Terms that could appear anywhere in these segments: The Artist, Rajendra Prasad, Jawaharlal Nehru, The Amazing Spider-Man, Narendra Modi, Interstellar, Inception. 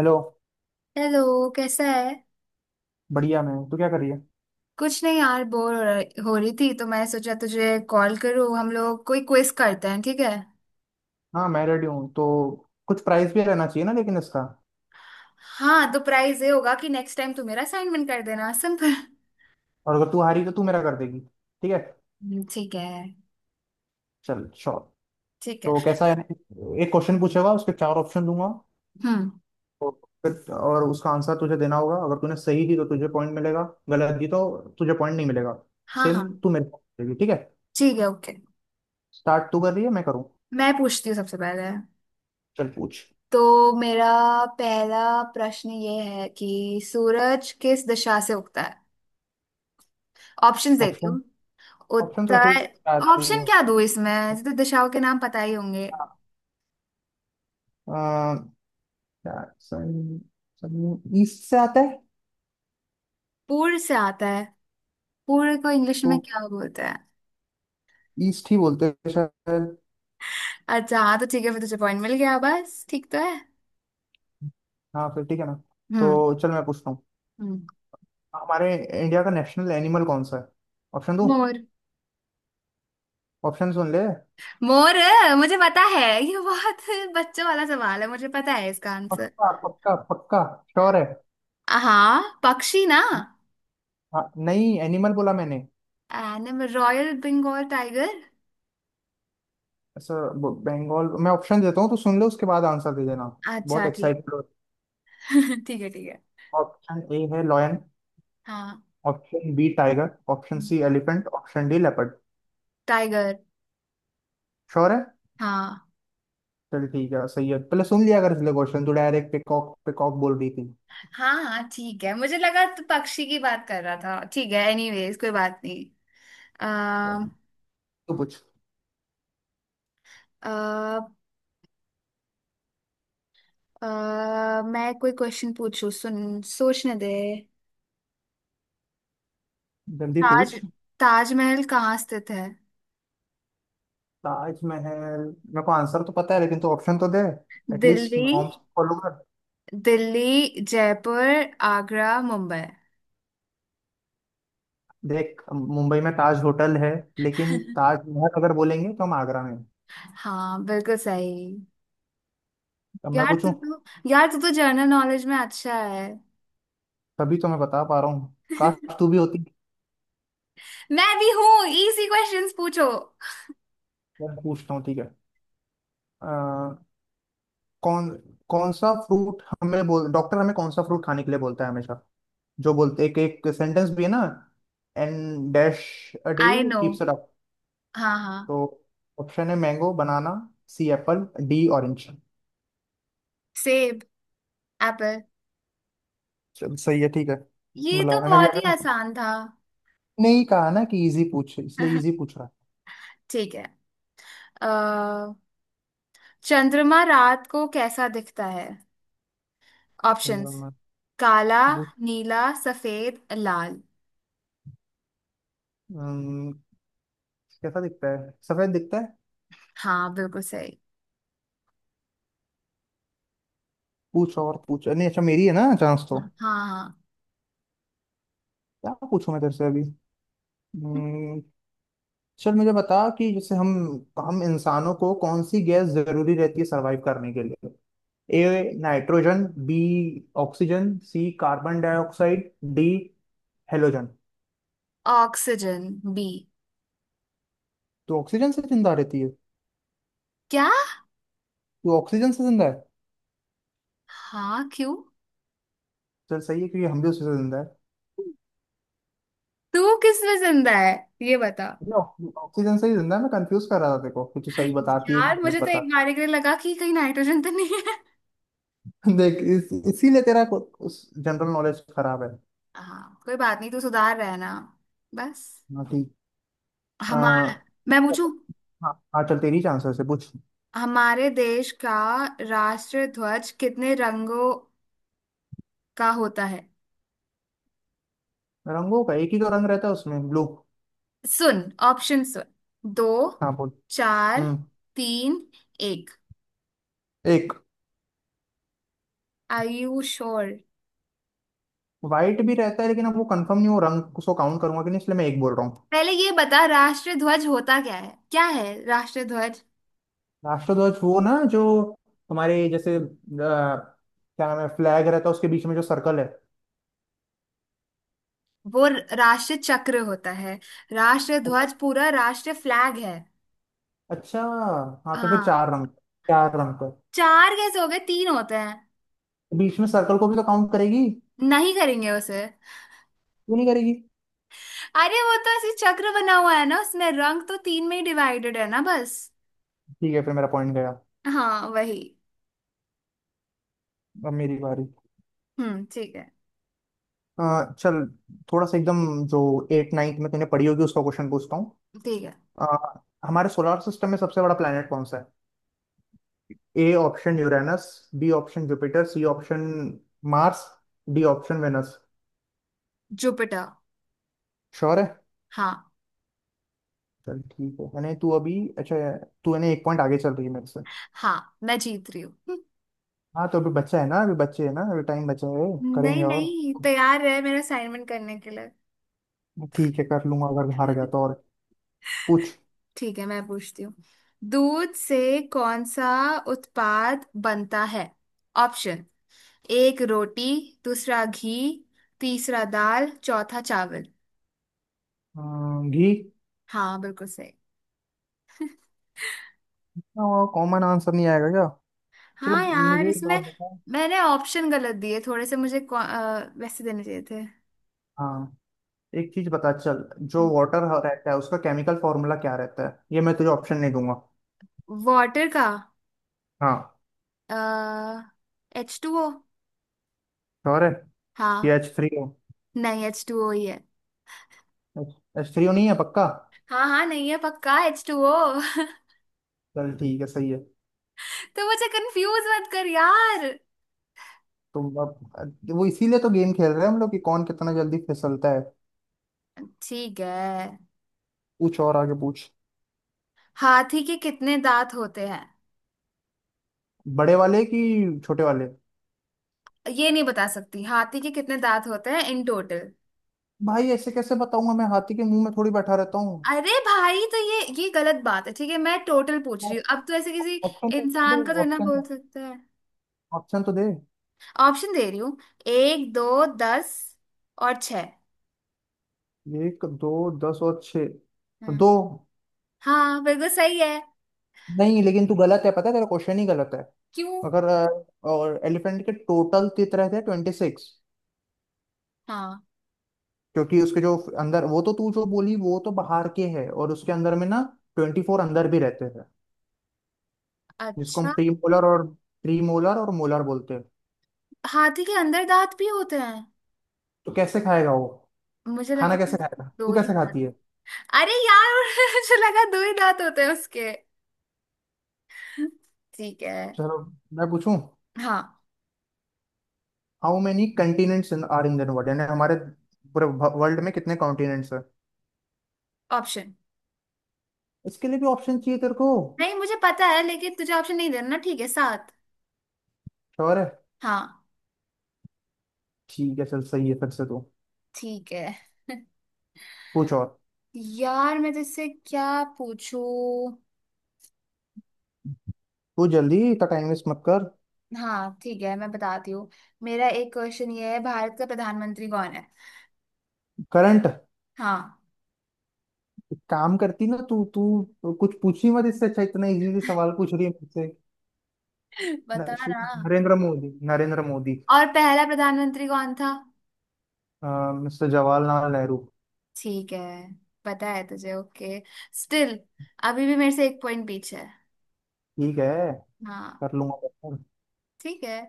Hello. Hello. कैसा है? बढ़िया मैं हूँ। तू क्या कर रही है? कुछ नहीं यार, बोर हो रही थी, तो मैं सोचा तुझे कॉल करूँ। हम लोग कोई क्विज करते हैं, ठीक है? हाँ, मैं रेडी हूँ। तो कुछ प्राइस भी रहना चाहिए ना लेकिन इसका। हाँ, तो प्राइज ये होगा कि नेक्स्ट टाइम तू मेरा असाइनमेंट कर देना, सिंपल। और अगर तू हारी तो तू मेरा कर देगी, ठीक है? ठीक है। चल श्योर। ठीक है। तो कैसा है, एक क्वेश्चन पूछेगा उसके चार ऑप्शन दूंगा। हम्म। तो फिर और उसका आंसर तुझे देना होगा। अगर तूने सही दी तो तुझे पॉइंट मिलेगा। गलत दी तो तुझे पॉइंट नहीं मिलेगा। हाँ सेम हाँ, तू मेरे को देगी, ठीक है? ठीक है, ओके। स्टार्ट तू कर रही है मैं करूँ? मैं पूछती हूँ सबसे पहले। चल पूछ। तो मेरा पहला प्रश्न ये है कि सूरज किस दिशा से उगता है? ऑप्शन देती ऑप्शन? हूँ। ऑप्शन तो फिर उत्तर। चार ही ऑप्शन हैं। क्या दूँ इसमें, ऐसे तो दिशाओं के नाम पता ही होंगे। हाँ, अ, सन- ईस्ट से आता है। पूर्व से आता है। पूरे को इंग्लिश में तो क्या बोलते हैं? ईस्ट ही बोलते हैं शायद। अच्छा, हाँ तो ठीक है फिर, तुझे पॉइंट मिल गया। बस ठीक तो है। हाँ फिर ठीक है ना। हम्म। तो चल मैं पूछता हूँ। हम्म। हमारे इंडिया का नेशनल एनिमल कौन सा है? ऑप्शन दूँ? मोर। ऑप्शन सुन ले। मोर, मुझे पता है ये बहुत बच्चों वाला सवाल है, मुझे पता है इसका आंसर। पक्का पक्का पक्का? श्योर है? हाँ, पक्षी ना? हाँ, नहीं एनिमल बोला मैंने। Animal royal Bengal tiger. ऐसा बंगाल। मैं ऑप्शन देता हूँ तो सुन ले, उसके बाद आंसर दे देना। अच्छा, बहुत ठीक। एक्साइटेड हो। ठीक है, ठीक है। ऑप्शन ए है लॉयन। हाँ। Option B tiger. Option C elephant, option D leopard. Tiger. Sure है? हाँ। चल ठीक है, सही है। पहले सुन लिया अगर इसलिए क्वेश्चन, तू डायरेक्ट पिकॉक पिकॉक बोल रही थी। हाँ हाँ, ठीक है, मुझे लगा तू पक्षी की बात कर रहा था। ठीक है, एनीवेज कोई बात नहीं। तू पूछ। अ, अह मैं कोई क्वेश्चन पूछू, सुन, सोचने दे। जल्दी ताज पूछ। ताजमहल कहाँ स्थित है? ताजमहल। मेरे को आंसर तो पता है लेकिन तो ऑप्शन तो दे। एटलीस्ट दिल्ली नॉर्म्स फॉलो कर। दिल्ली, जयपुर, आगरा, मुंबई। देख, मुंबई में ताज होटल है। लेकिन ताजमहल अगर बोलेंगे तो हम आगरा में हैं। हाँ, बिल्कुल सही। अब मैं पूछूं। यार तू तो जनरल नॉलेज में अच्छा है। तभी तो मैं बता पा रहा हूँ, काश तू भी होती। मैं भी हूँ, इजी क्वेश्चंस पूछो। मैं पूछता हूँ, ठीक है? अ, कौन कौन सा फ्रूट हमें बोल, डॉक्टर हमें कौन सा फ्रूट खाने के लिए बोलता है हमेशा? जो बोलते एक एक सेंटेंस भी है ना, and dash a day I know. Keeps it up. हाँ हाँ। तो ऑप्शन है mango, banana, C apple, D orange. सेब। एप्पल। सही है ठीक है। ये तो मतलब है ना, अभी बहुत ही आपने आसान था। नहीं कहा ना कि इजी पूछ, इसलिए इजी पूछ रहा ठीक है। अह चंद्रमा रात को कैसा दिखता है? है। ऑप्शंस: मतलब, काला, पूछ। नीला, सफेद, लाल। अम्म, कैसा दिखता है? सफेद दिखता है। हाँ, बिल्कुल सही। पूछ और पूछ। नहीं अच्छा, मेरी है ना चांस तो। हाँ हाँ हाँ। क्या पूछूं मैं तेरे से अभी? अम्म, चल मुझे बता कि जैसे हम इंसानों को कौन सी गैस जरूरी रहती है सरवाइव करने के लिए? A nitrogen, B oxygen, C carbon dioxide, D halogen. Oxygen, B. तो ऑक्सीजन से जिंदा रहती है? क्या? तो ऑक्सीजन से जिंदा है? हाँ, क्यों? चल सही है क्योंकि हम भी उसी से जिंदा है। तू किस में जिंदा है, ये बता। नो, ऑक्सीजन से ही जिंदा है, मैं कंफ्यूज कर रहा था देखो कि तू सही बताती है कि यार, गलत मुझे तो बता। एक बार के लिए लगा कि कहीं नाइट्रोजन तो नहीं है। देख इसीलिए उस जनरल नॉलेज खराब है। हाँ, कोई बात नहीं, तू सुधार रहा है ना, बस। हाँ ठीक। आ, हमारा हाँ। मैं पूछू। हाँ चल, तेरी चांसेस है पूछ। हमारे देश का राष्ट्र ध्वज कितने रंगों का होता है? रंगों का, एक ही तो रंग रहता है उसमें, ब्लू। सुन ऑप्शन सुन। दो, हाँ बोल। चार, हम्म। तीन, एक। एक। Are you sure? वाइट भी रहता है लेकिन अब वो कंफर्म नहीं वो रंग, उसको काउंट करूंगा कि नहीं, इसलिए मैं एक बोल रहा हूँ। पहले ये बता राष्ट्रीय ध्वज होता क्या है, क्या है राष्ट्रीय ध्वज। राष्ट्रध्वज वो ना जो हमारे जैसे क्या नाम है, फ्लैग रहता है उसके बीच में जो सर्कल है। वो राष्ट्रीय चक्र होता है, राष्ट्रीय अच्छा। ध्वज पूरा राष्ट्रीय फ्लैग है। अच्छा, हाँ तो फिर हाँ। चार रंग। चार रंग। चार कैसे हो गए, तीन होते हैं। बीच में सर्कल को भी तो काउंट करेगी। नहीं करेंगे उसे। क्यों नहीं करेगी? अरे वो तो ऐसे चक्र बना हुआ है ना, उसमें रंग तो तीन में ही डिवाइडेड है ना बस। ठीक है फिर, मेरा पॉइंट गया। हाँ, वही। अब मेरी बारी। हम्म, ठीक है। चल, थोड़ा सा एकदम, जो एट नाइन्थ में तूने पढ़ी होगी उसका क्वेश्चन पूछता हूँ। ठीक है। अ, हमारे सोलर सिस्टम में सबसे बड़ा प्लेनेट कौन सा है? A option Uranus, B option Jupiter, C option Mars, D option Venus. Jupiter. Sure है? हाँ। चल ठीक है, यानी तू अभी, अच्छा, तू यानी एक पॉइंट आगे चल रही है मेरे से। हाँ, मैं जीत रही हूँ। हाँ तो अभी बच्चा है ना, अभी बच्चे है ना, अभी टाइम बचा है। नहीं करेंगे और, नहीं, तैयार रहे मेरा असाइनमेंट करने के लिए। ठीक है कर लूंगा अगर हार गया तो और। पूछ। ठीक है, मैं पूछती हूँ। दूध से कौन सा उत्पाद बनता है? ऑप्शन: एक रोटी, दूसरा घी, तीसरा दाल, चौथा चावल। अम, घी। हाँ, बिल्कुल सही। कॉमन आंसर नहीं आएगा क्या? चलो, हाँ यार, मुझे एक इसमें बात बता। मैंने ऑप्शन गलत दिए थोड़े से, मुझे वैसे देने चाहिए थे। हाँ, एक चीज बता चल। जो वाटर रहता है उसका केमिकल फॉर्मूला क्या रहता है? ये मैं तुझे ऑप्शन नहीं दूंगा। वाटर का? हाँ। H two O. श्योर है? ये हाँ। H three O? नहीं, एच टू ओ ही है। एच थ्री ओ नहीं है पक्का? हाँ हाँ, नहीं है, पक्का एच टू ओ। चल ठीक है सही है। तो मुझे कंफ्यूज मत कर यार। तुम अब, वो इसीलिए तो गेम खेल रहे हैं हम लोग कि कौन कितना जल्दी फिसलता है। ठीक है। पूछ और आगे पूछ। हाथी के कितने दांत होते हैं? बड़े वाले कि छोटे वाले? ये नहीं बता सकती हाथी के कितने दांत होते हैं इन टोटल? भाई ऐसे कैसे बताऊंगा, मैं हाथी के मुंह में थोड़ी बैठा रहता हूँ। अरे भाई, तो ये गलत बात है, ठीक है मैं टोटल पूछ रही हूँ, अब तो ऐसे किसी ऑप्शन तो दे। इंसान का तो ना बोल ऑप्शन। सकते हैं। ऑप्शन तो दे। ऑप्शन दे रही हूँ। एक, दो, दस और छह। एक दो दस और छः? हाँ। दो। हाँ, बिल्कुल सही है। नहीं लेकिन तू गलत है पता है, तेरा क्वेश्चन ही गलत है। क्यों? अगर और एलिफेंट के टोटल तित रहते हैं ट्वेंटी सिक्स। हाँ। क्योंकि उसके जो अंदर वो, तो तू जो बोली वो तो बाहर के है, और उसके अंदर में ना ट्वेंटी फोर अंदर भी रहते हैं। जिसको हम अच्छा, प्रीमोलर और मोलर बोलते हैं। हाथी के अंदर दांत भी होते हैं? तो कैसे खाएगा वो? मुझे खाना लगता था कैसे खाएगा, तू दो ही कैसे दांत। खाती है? अरे यार, मुझे लगा दो ही दांत होते हैं उसके। ठीक है। चलो मैं पूछूं। हाँ। How many continents are in the world, यानी हमारे पूरे वर्ल्ड में कितने कॉन्टिनेंट्स हैं? ऑप्शन इसके लिए भी ऑप्शन चाहिए तेरे को? नहीं, मुझे पता है लेकिन तुझे ऑप्शन नहीं देना ना, ठीक है, सात। और है? हाँ। ठीक है चल सही है। फिर से तू ठीक है पूछ। और यार, मैं तुझसे क्या पूछूं। तू जल्दी, इतना टाइम वेस्ट मत कर। हाँ ठीक है, मैं बताती हूँ। मेरा एक क्वेश्चन ये है, भारत का प्रधानमंत्री कौन है? करंट। हाँ। एक काम करती ना तू, कुछ पूछी मत इससे अच्छा, इतना इजी सवाल पूछ रही है मुझसे। बता श्री ना। नरेंद्र मोदी, नरेंद्र मोदी। और पहला प्रधानमंत्री कौन था? मिस्टर जवाहरलाल नेहरू। ठीक है, पता है तुझे, ओके। स्टिल अभी भी मेरे से एक पॉइंट पीछे है। ठीक है, हाँ, कर लूंगा बेहतर। ठीक है,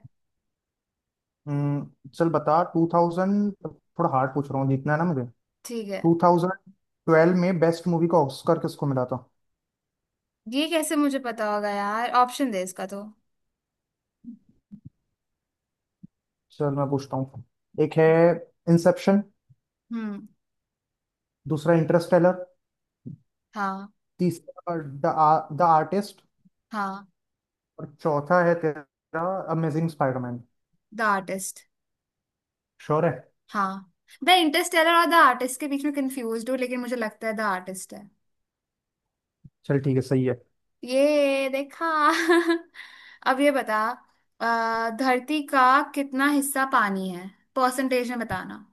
चल बता, टू थाउजेंड थोड़ा हार्ड पूछ रहा हूँ जीतना है ना मुझे। ठीक है। टू थाउजेंड ट्वेल्व में बेस्ट मूवी का ऑस्कर किसको मिला था? ये कैसे मुझे पता होगा यार, ऑप्शन दे इसका तो। चल मैं पूछता हूँ। एक है इंसेप्शन, हम्म। दूसरा इंटरस्टेलर, हाँ। तीसरा द द आर्टिस्ट, हाँ। और चौथा है तेरा Amazing Spiderman. The Artist. Sure है? हाँ, द इंटरस्टेलर और द आर्टिस्ट के बीच में कंफ्यूज हूँ, लेकिन मुझे लगता है द आर्टिस्ट है। चल ठीक है सही है। ये देखा। अब ये बता। धरती का कितना हिस्सा पानी है, परसेंटेज में बताना।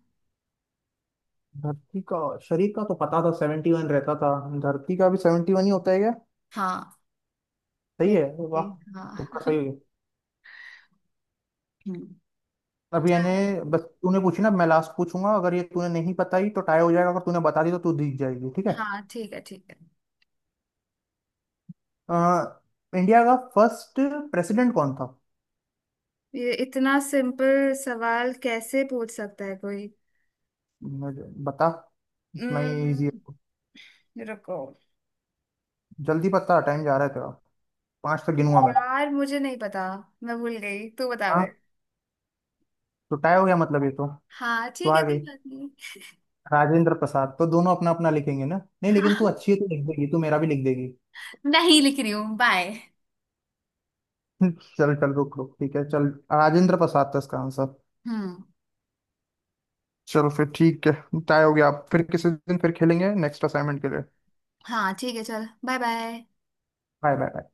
धरती का, शरीर का तो पता था 71 रहता था। धरती का भी 71 ही होता है क्या? हाँ। सही है, वाह। देखिए। तुक्का हाँ। सही हो गया। हम्म। अब यानी, चल, बस तूने पूछी ना, मैं लास्ट पूछूंगा, अगर ये तूने नहीं बताई तो टाई हो जाएगा, अगर तूने बता दी तो तू जीत जाएगी, ठीक है? हाँ ठीक है, ठीक है। अ, इंडिया का फर्स्ट प्रेसिडेंट कौन था? ये इतना सिंपल सवाल कैसे पूछ सकता है कोई। मुझे बता, इतना ही इजी हम्म, है। रुको। जल्दी बता, टाइम जा रहा है तेरा, पाँच तक गिनूंगा मैं। यार मुझे नहीं पता, मैं भूल गई, तू बता हाँ? दे। तो टाई हो गया मतलब ये तो। हाँ तो ठीक आ है, गई कोई बात नहीं। राजेंद्र प्रसाद। तो दोनों अपना अपना लिखेंगे ना? नहीं लेकिन तू अच्छी है तो लिख देगी, तू मेरा भी लिख देगी। नहीं लिख रही हूँ, बाय। चल चल, रुक रुक, ठीक है चल। राजेंद्र प्रसाद था इसका आंसर। हम्म। चलो फिर ठीक है, टाई हो गया। आप फिर किसी दिन फिर खेलेंगे नेक्स्ट असाइनमेंट के लिए। हाँ ठीक है, चल, बाय बाय। Bye bye.